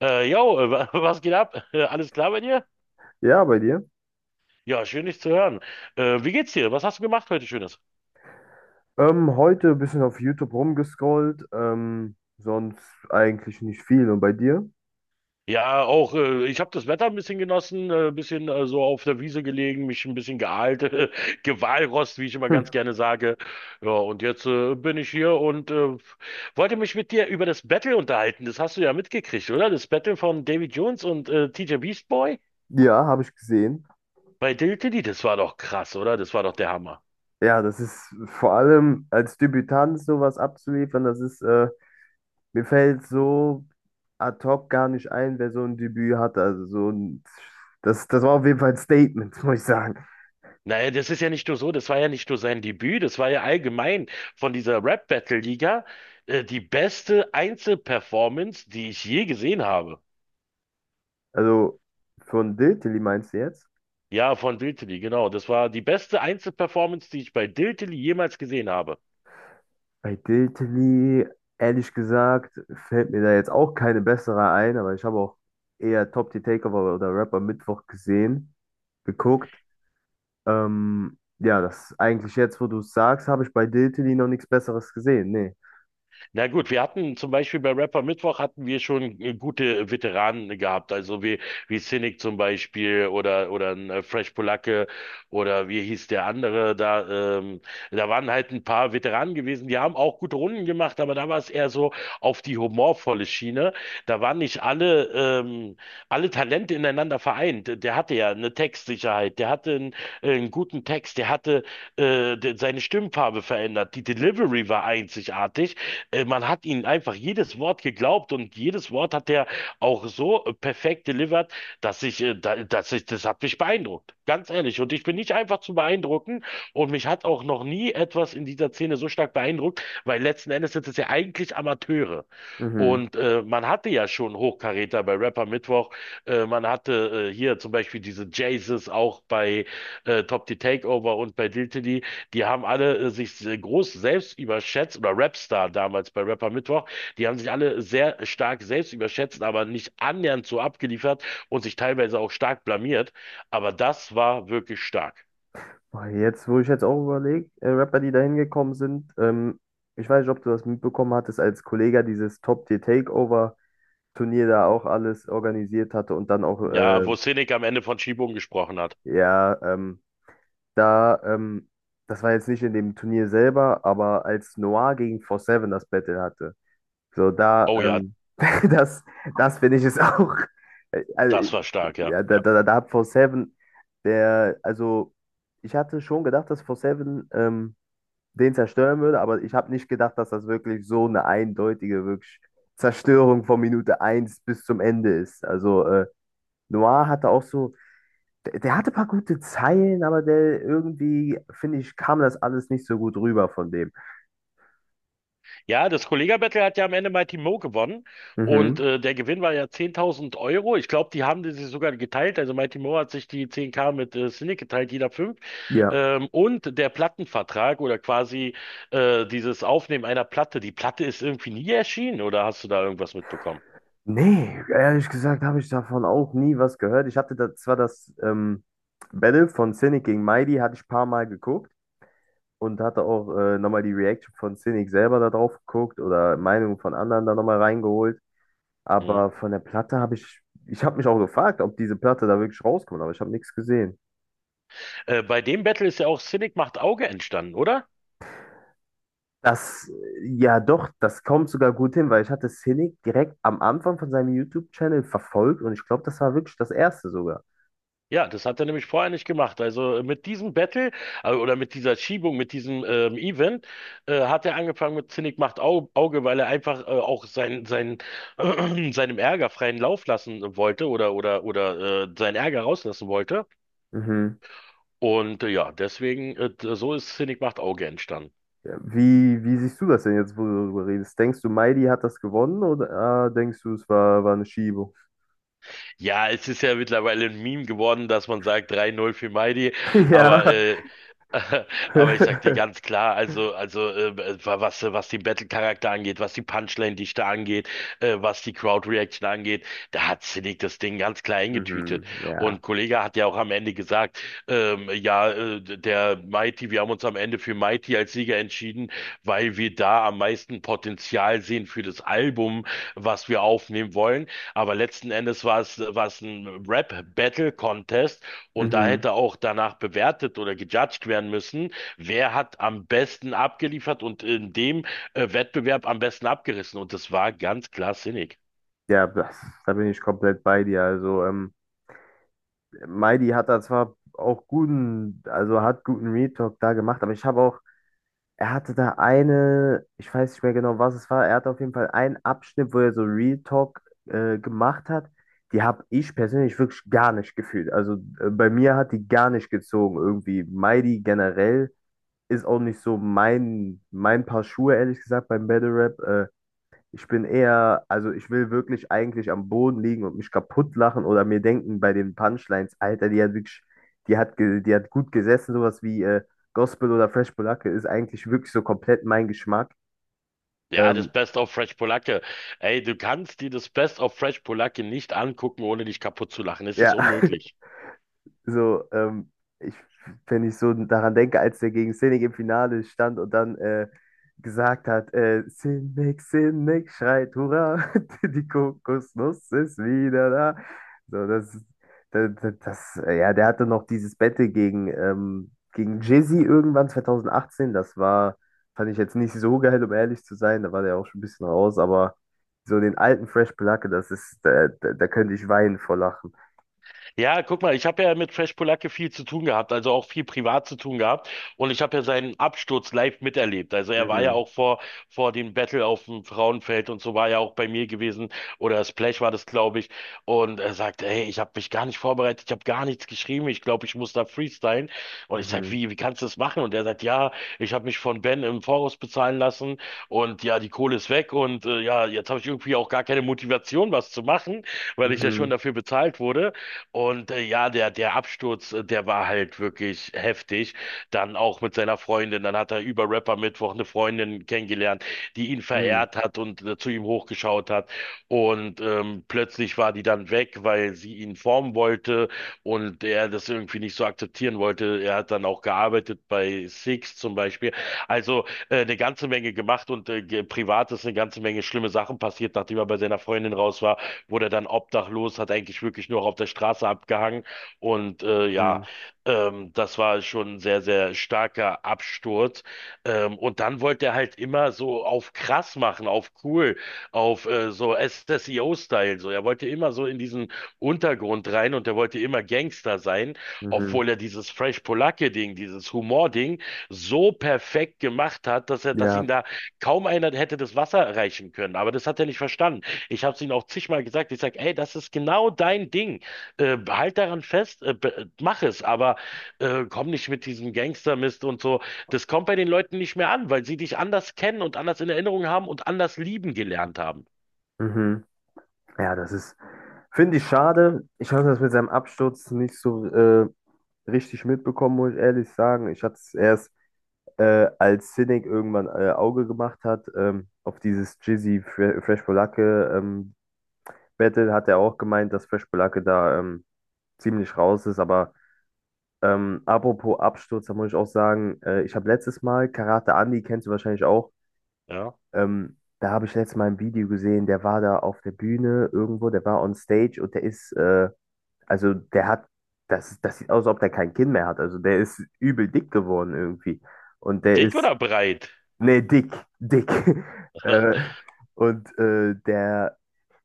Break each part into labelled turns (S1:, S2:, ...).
S1: Was geht ab? Alles klar bei dir?
S2: Ja, bei dir.
S1: Ja, schön dich zu hören. Wie geht's dir? Was hast du gemacht heute Schönes?
S2: Heute ein bisschen auf YouTube rumgescrollt, sonst eigentlich nicht viel. Und bei dir?
S1: Ja, auch ich habe das Wetter ein bisschen genossen, ein bisschen so auf der Wiese gelegen, mich ein bisschen geahlt, Gewalrost, wie ich immer ganz
S2: Hm.
S1: gerne sage. Ja, und jetzt bin ich hier und wollte mich mit dir über das Battle unterhalten. Das hast du ja mitgekriegt, oder? Das Battle von David Jones und TJ Beast Boy
S2: Ja, habe ich gesehen.
S1: bei Dill Diddy, das war doch krass, oder? Das war doch der Hammer.
S2: Ja, das ist vor allem als Debütant sowas abzuliefern, mir fällt so ad hoc gar nicht ein, wer so ein Debüt hatte. Also so ein, das war auf jeden Fall ein Statement, muss ich sagen.
S1: Naja, das ist ja nicht nur so, das war ja nicht nur sein Debüt, das war ja allgemein von dieser Rap-Battle-Liga die beste Einzelperformance, die ich je gesehen habe.
S2: Also von Dilltilly meinst du jetzt?
S1: Ja, von Diltily, genau. Das war die beste Einzelperformance, die ich bei Diltily jemals gesehen habe.
S2: Bei Diltily, ehrlich gesagt, fällt mir da jetzt auch keine bessere ein, aber ich habe auch eher Top Tier Takeover oder Rap am Mittwoch gesehen, geguckt. Ja, das eigentlich jetzt, wo du es sagst, habe ich bei Diltily noch nichts Besseres gesehen. Nee.
S1: Na gut, wir hatten zum Beispiel bei Rapper Mittwoch hatten wir schon gute Veteranen gehabt, also wie Cynic zum Beispiel oder ein Fresh Polacke oder wie hieß der andere da, da waren halt ein paar Veteranen gewesen, die haben auch gute Runden gemacht, aber da war es eher so auf die humorvolle Schiene. Da waren nicht alle, alle Talente ineinander vereint. Der hatte ja eine Textsicherheit, einen guten Text, der hatte seine Stimmfarbe verändert. Die Delivery war einzigartig. Man hat ihm einfach jedes Wort geglaubt und jedes Wort hat er auch so perfekt delivered, dass ich, da, dass ich, das hat mich beeindruckt. Ganz ehrlich. Und ich bin nicht einfach zu beeindrucken und mich hat auch noch nie etwas in dieser Szene so stark beeindruckt, weil letzten Endes sind es ja eigentlich Amateure.
S2: Mhm.
S1: Und man hatte ja schon Hochkaräter bei Rapper Mittwoch. Man hatte hier zum Beispiel diese Jaces auch bei Top the Takeover und bei Diltily, die haben alle sich groß selbst überschätzt, oder Rapstar damals bei Rapper Mittwoch, die haben sich alle sehr stark selbst überschätzt, aber nicht annähernd so abgeliefert und sich teilweise auch stark blamiert. Aber das war wirklich stark.
S2: Boah, jetzt, wo ich jetzt auch überlege, Rapper, die da hingekommen sind, ich weiß nicht, ob du das mitbekommen hattest, als Kollega dieses Top Tier Takeover Turnier da auch alles organisiert hatte und dann auch,
S1: Ja,
S2: äh,
S1: wo Sinek am Ende von Schiebung gesprochen hat.
S2: ja, ähm, Da, ähm, das war jetzt nicht in dem Turnier selber, aber als Noir gegen 4-7 das Battle hatte. So,
S1: Oh ja,
S2: das finde ich es auch. Also,
S1: das war stark, ja.
S2: ja, da,
S1: Ja.
S2: da, da hat 4-7, der, also, ich hatte schon gedacht, dass 4-7 den zerstören würde, aber ich habe nicht gedacht, dass das wirklich so eine eindeutige wirklich Zerstörung von Minute 1 bis zum Ende ist. Also, Noir hatte auch so. Der hatte ein paar gute Zeilen, aber der irgendwie, finde ich, kam das alles nicht so gut rüber von dem.
S1: Ja, das Kollega-Battle hat ja am Ende Mighty Mo gewonnen und
S2: Mhm,
S1: der Gewinn war ja 10.000 Euro. Ich glaube, die haben die sich sogar geteilt. Also Mighty Mo hat sich die 10k mit Cynic geteilt, jeder fünf.
S2: ja.
S1: Und der Plattenvertrag oder quasi dieses Aufnehmen einer Platte. Die Platte ist irgendwie nie erschienen oder hast du da irgendwas mitbekommen?
S2: Nee, ehrlich gesagt habe ich davon auch nie was gehört. Ich hatte da zwar das Battle von Cynic gegen Mighty, hatte ich ein paar Mal geguckt und hatte auch nochmal die Reaction von Cynic selber da drauf geguckt oder Meinungen von anderen da nochmal reingeholt.
S1: Mhm.
S2: Aber von der Platte habe ich, ich habe mich auch gefragt, ob diese Platte da wirklich rauskommt, aber ich habe nichts gesehen.
S1: Bei dem Battle ist ja auch Cynic macht Auge entstanden, oder?
S2: Das, ja doch, das kommt sogar gut hin, weil ich hatte Cynic direkt am Anfang von seinem YouTube-Channel verfolgt und ich glaube, das war wirklich das erste sogar.
S1: Ja, das hat er nämlich vorher nicht gemacht. Also mit diesem Battle oder mit dieser Schiebung, mit diesem Event, hat er angefangen mit Zinnig macht Auge, weil er einfach auch sein, seinem Ärger freien Lauf lassen wollte oder seinen Ärger rauslassen wollte.
S2: Mhm.
S1: Und ja, deswegen, so ist Zinnig macht Auge entstanden.
S2: Ja, wie siehst du das denn jetzt, wo du darüber redest? Denkst du, Mighty hat das gewonnen oder denkst du, es war, war eine Schiebung?
S1: Ja, es ist ja mittlerweile ein Meme geworden, dass man sagt 3-0 für Mighty, aber
S2: Ja.
S1: äh, aber ich sag dir ganz klar, also was den Battle-Charakter angeht, was die Punchline-Dichte angeht, was die Crowd-Reaction angeht, da hat Cynic das Ding ganz klar eingetütet.
S2: Mhm, ja.
S1: Und Kollege hat ja auch am Ende gesagt, ja, der Mighty, wir haben uns am Ende für Mighty Sieger entschieden, weil wir da am meisten Potenzial sehen für das Album, was wir aufnehmen wollen. Aber letzten Endes war es ein Rap-Battle-Contest und da
S2: Mhm.
S1: hätte auch danach bewertet oder gejudged werden müssen, wer hat am besten abgeliefert und in dem Wettbewerb am besten abgerissen. Und das war ganz klar sinnig.
S2: Ja, das, da bin ich komplett bei dir. Also, Mighty hat da zwar auch guten, also hat guten Retalk da gemacht, aber ich habe auch. Er hatte da eine, ich weiß nicht mehr genau, was es war. Er hatte auf jeden Fall einen Abschnitt, wo er so Real Talk gemacht hat. Die habe ich persönlich wirklich gar nicht gefühlt. Also bei mir hat die gar nicht gezogen irgendwie. Mighty generell ist auch nicht so mein Paar Schuhe, ehrlich gesagt, beim Battle Rap. Ich bin eher, also ich will wirklich eigentlich am Boden liegen und mich kaputt lachen oder mir denken bei den Punchlines, Alter, die hat wirklich, die hat, ge- die hat gut gesessen, sowas wie Gospel oder Fresh Polacke ist eigentlich wirklich so komplett mein Geschmack.
S1: Ja,
S2: Ähm,
S1: das Best of Fresh Polacke. Ey, du kannst dir das Best of Fresh Polacke nicht angucken, ohne dich kaputt zu lachen. Es
S2: ja,
S1: ist unmöglich.
S2: so, ich, wenn ich so daran denke, als der gegen Sinek im Finale stand und dann gesagt hat, Sinek, Sinek schreit, Hurra, die Kokosnuss ist wieder da. So, das, ja, der hatte noch dieses Battle gegen Jizzy irgendwann 2018. Das war, fand ich jetzt nicht so geil, um ehrlich zu sein. Da war der auch schon ein bisschen raus, aber so den alten Fresh Placke, das ist, da könnte ich weinen vor Lachen.
S1: Ja, guck mal, ich habe ja mit Fresh Polacke viel zu tun gehabt, also auch viel privat zu tun gehabt. Und ich habe ja seinen Absturz live miterlebt. Also er war ja
S2: Mhm,
S1: auch vor dem Battle auf dem Frauenfeld und so war ja auch bei mir gewesen. Oder Splash war das, glaube ich. Und er sagt, ey, ich habe mich gar nicht vorbereitet, ich habe gar nichts geschrieben. Ich glaube, ich muss da freestylen. Und ich sage,
S2: mhm,
S1: wie kannst du das machen? Und er sagt, ja, ich habe mich von Ben im Voraus bezahlen lassen. Und ja, die Kohle ist weg. Und ja, jetzt habe ich irgendwie auch gar keine Motivation, was zu machen, weil ich ja schon
S2: mhm.
S1: dafür bezahlt wurde. Und ja, der Absturz, der war halt wirklich heftig. Dann auch mit seiner Freundin. Dann hat er über Rapper Mittwoch eine Freundin kennengelernt, die ihn
S2: Mhm,
S1: verehrt hat und zu ihm hochgeschaut hat. Und plötzlich war die dann weg, weil sie ihn formen wollte und er das irgendwie nicht so akzeptieren wollte. Er hat dann auch gearbeitet bei Six zum Beispiel. Also eine ganze Menge gemacht und privat ist eine ganze Menge schlimme Sachen passiert, nachdem er bei seiner Freundin raus war, wurde dann obdachlos, hat eigentlich wirklich nur auf der Straße abgehangen. Und ja,
S2: mhm,
S1: das war schon ein sehr, sehr starker Absturz. Und dann wollte er halt immer so auf krass machen, auf cool, auf so O style. So, er wollte immer so in diesen Untergrund rein und er wollte immer Gangster sein,
S2: mhm.
S1: obwohl er dieses Fresh Polacke-Ding, dieses Humor-Ding so perfekt gemacht hat, dass ihn
S2: Ja,
S1: da kaum einer hätte das Wasser erreichen können. Aber das hat er nicht verstanden. Ich habe es ihnen auch zigmal gesagt. Ich sage, ey, das ist genau dein Ding. Halt daran fest, mach es, aber komm nicht mit diesem Gangstermist und so. Das kommt bei den Leuten nicht mehr an, weil sie dich anders kennen und anders in Erinnerung haben und anders lieben gelernt haben.
S2: mhm. Ja, das ist, finde ich schade. Ich habe das mit seinem Absturz nicht so richtig mitbekommen, muss ich ehrlich sagen. Ich hatte es erst, als Cynic irgendwann Auge gemacht hat, auf dieses Jizzy Fresh Polacke Battle, hat er auch gemeint, dass Fresh Polacke da ziemlich raus ist. Aber apropos Absturz, da muss ich auch sagen, ich habe letztes Mal Karate Andy, kennst du wahrscheinlich auch.
S1: Ja.
S2: Da habe ich letztes Mal ein Video gesehen, der war da auf der Bühne irgendwo, der war on stage und also der hat, das, das sieht aus, als ob der kein Kinn mehr hat. Also der ist übel dick geworden irgendwie. Und der
S1: Dick
S2: ist,
S1: oder breit?
S2: nee, dick, dick. äh, und der,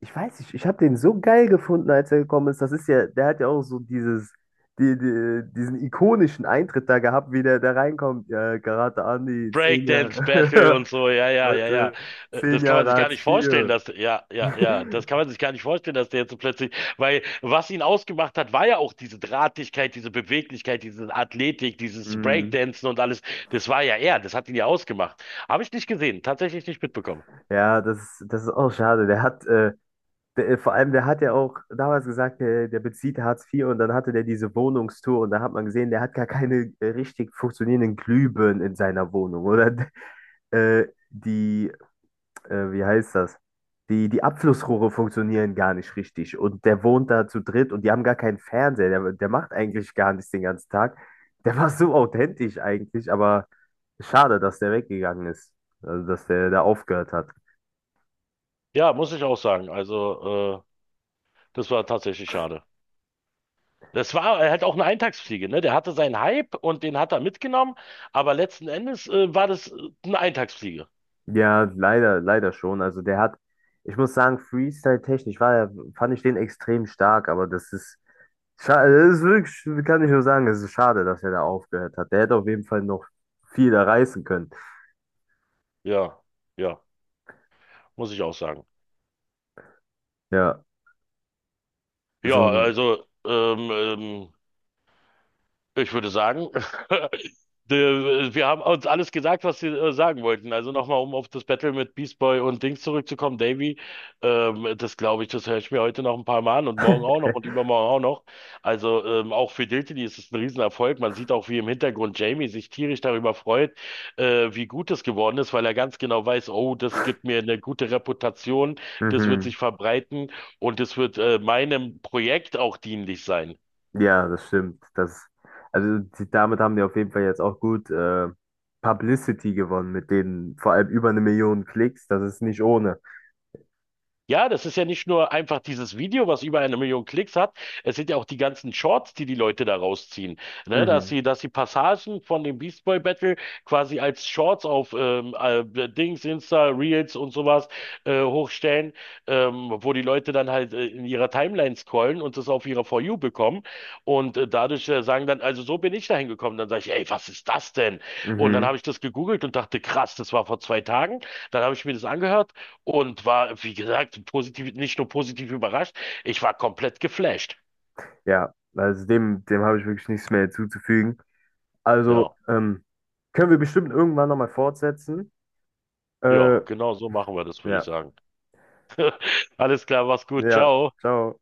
S2: ich weiß nicht, ich habe den so geil gefunden, als er gekommen ist. Das ist ja, der hat ja auch so dieses, diesen ikonischen Eintritt da gehabt, wie der da reinkommt. Ja, Karate Andi, zehn
S1: Breakdance Battle
S2: Jahre.
S1: und so, ja, ja, ja, ja.
S2: Leute,
S1: Äh,
S2: zehn
S1: Das kann man
S2: Jahre
S1: sich gar
S2: Hartz
S1: nicht vorstellen,
S2: vier
S1: ja, ja, ja, das kann man sich gar nicht vorstellen, dass der jetzt so plötzlich, weil was ihn ausgemacht hat, war ja auch diese Drahtigkeit, diese Beweglichkeit, diese Athletik, dieses
S2: Mhm.
S1: Breakdancen und alles. Das war ja er, das hat ihn ja ausgemacht. Habe ich nicht gesehen, tatsächlich nicht mitbekommen.
S2: Ja, das ist auch schade. Der hat, der, vor allem, der hat ja auch damals gesagt, der bezieht Hartz IV und dann hatte der diese Wohnungstour und da hat man gesehen, der hat gar keine richtig funktionierenden Glühbirnen in seiner Wohnung oder äh, die, wie heißt das? Die Abflussrohre funktionieren gar nicht richtig und der wohnt da zu dritt und die haben gar keinen Fernseher. Der macht eigentlich gar nichts den ganzen Tag. Der war so authentisch eigentlich, aber schade, dass der weggegangen ist. Also, dass der da aufgehört hat.
S1: Ja, muss ich auch sagen. Also, das war tatsächlich schade. Das war halt auch eine Eintagsfliege, ne? Der hatte seinen Hype und den hat er mitgenommen, aber letzten Endes, war das eine Eintagsfliege.
S2: Ja, leider, leider schon. Also, der hat, ich muss sagen, Freestyle-technisch war er, fand ich den extrem stark, aber das ist, schade, das ist wirklich, kann ich nur sagen, es ist schade, dass er da aufgehört hat. Der hätte auf jeden Fall noch viel da reißen können.
S1: Ja, ja, muss ich auch sagen.
S2: Ja, so
S1: Ja,
S2: ein,
S1: also ähm, ähm, Ich würde sagen, wir haben uns alles gesagt, was wir sagen wollten. Also nochmal, um auf das Battle mit Beast Boy und Dings zurückzukommen, Davy, das glaube ich, das höre ich mir heute noch ein paar Mal an und morgen auch noch und übermorgen auch noch. Also auch für Diltily ist es ein Riesenerfolg. Man sieht auch, wie im Hintergrund Jamie sich tierisch darüber freut, wie gut es geworden ist, weil er ganz genau weiß, oh, das gibt mir eine gute Reputation, das wird
S2: mhm.
S1: sich verbreiten und das wird meinem Projekt auch dienlich sein.
S2: Ja, das stimmt. Das, also, die, damit haben die auf jeden Fall jetzt auch gut, Publicity gewonnen mit denen, vor allem über 1 Million Klicks. Das ist nicht ohne.
S1: Ja, das ist ja nicht nur einfach dieses Video, was über 1 Million Klicks hat. Es sind ja auch die ganzen Shorts, die die Leute da rausziehen. Ne,
S2: Mhm.
S1: dass sie Passagen von dem Beast Boy Battle quasi als Shorts auf Dings, Insta, Reels und sowas hochstellen, wo die Leute dann halt in ihrer Timeline scrollen und das auf ihrer For You bekommen. Und dadurch sagen dann, also so bin ich dahin gekommen. Dann sage ich, ey, was ist das denn? Und dann
S2: Mhm.
S1: habe ich das gegoogelt und dachte, krass, das war vor 2 Tagen. Dann habe ich mir das angehört und war, wie gesagt, positiv, nicht nur positiv überrascht, ich war komplett geflasht.
S2: Ja, also dem, dem habe ich wirklich nichts mehr hinzuzufügen. Also,
S1: Ja,
S2: können wir bestimmt irgendwann nochmal fortsetzen. Äh,
S1: ja, genau so machen wir das, würde ich
S2: ja,
S1: sagen. Alles klar, mach's gut,
S2: ja,
S1: ciao.
S2: ciao.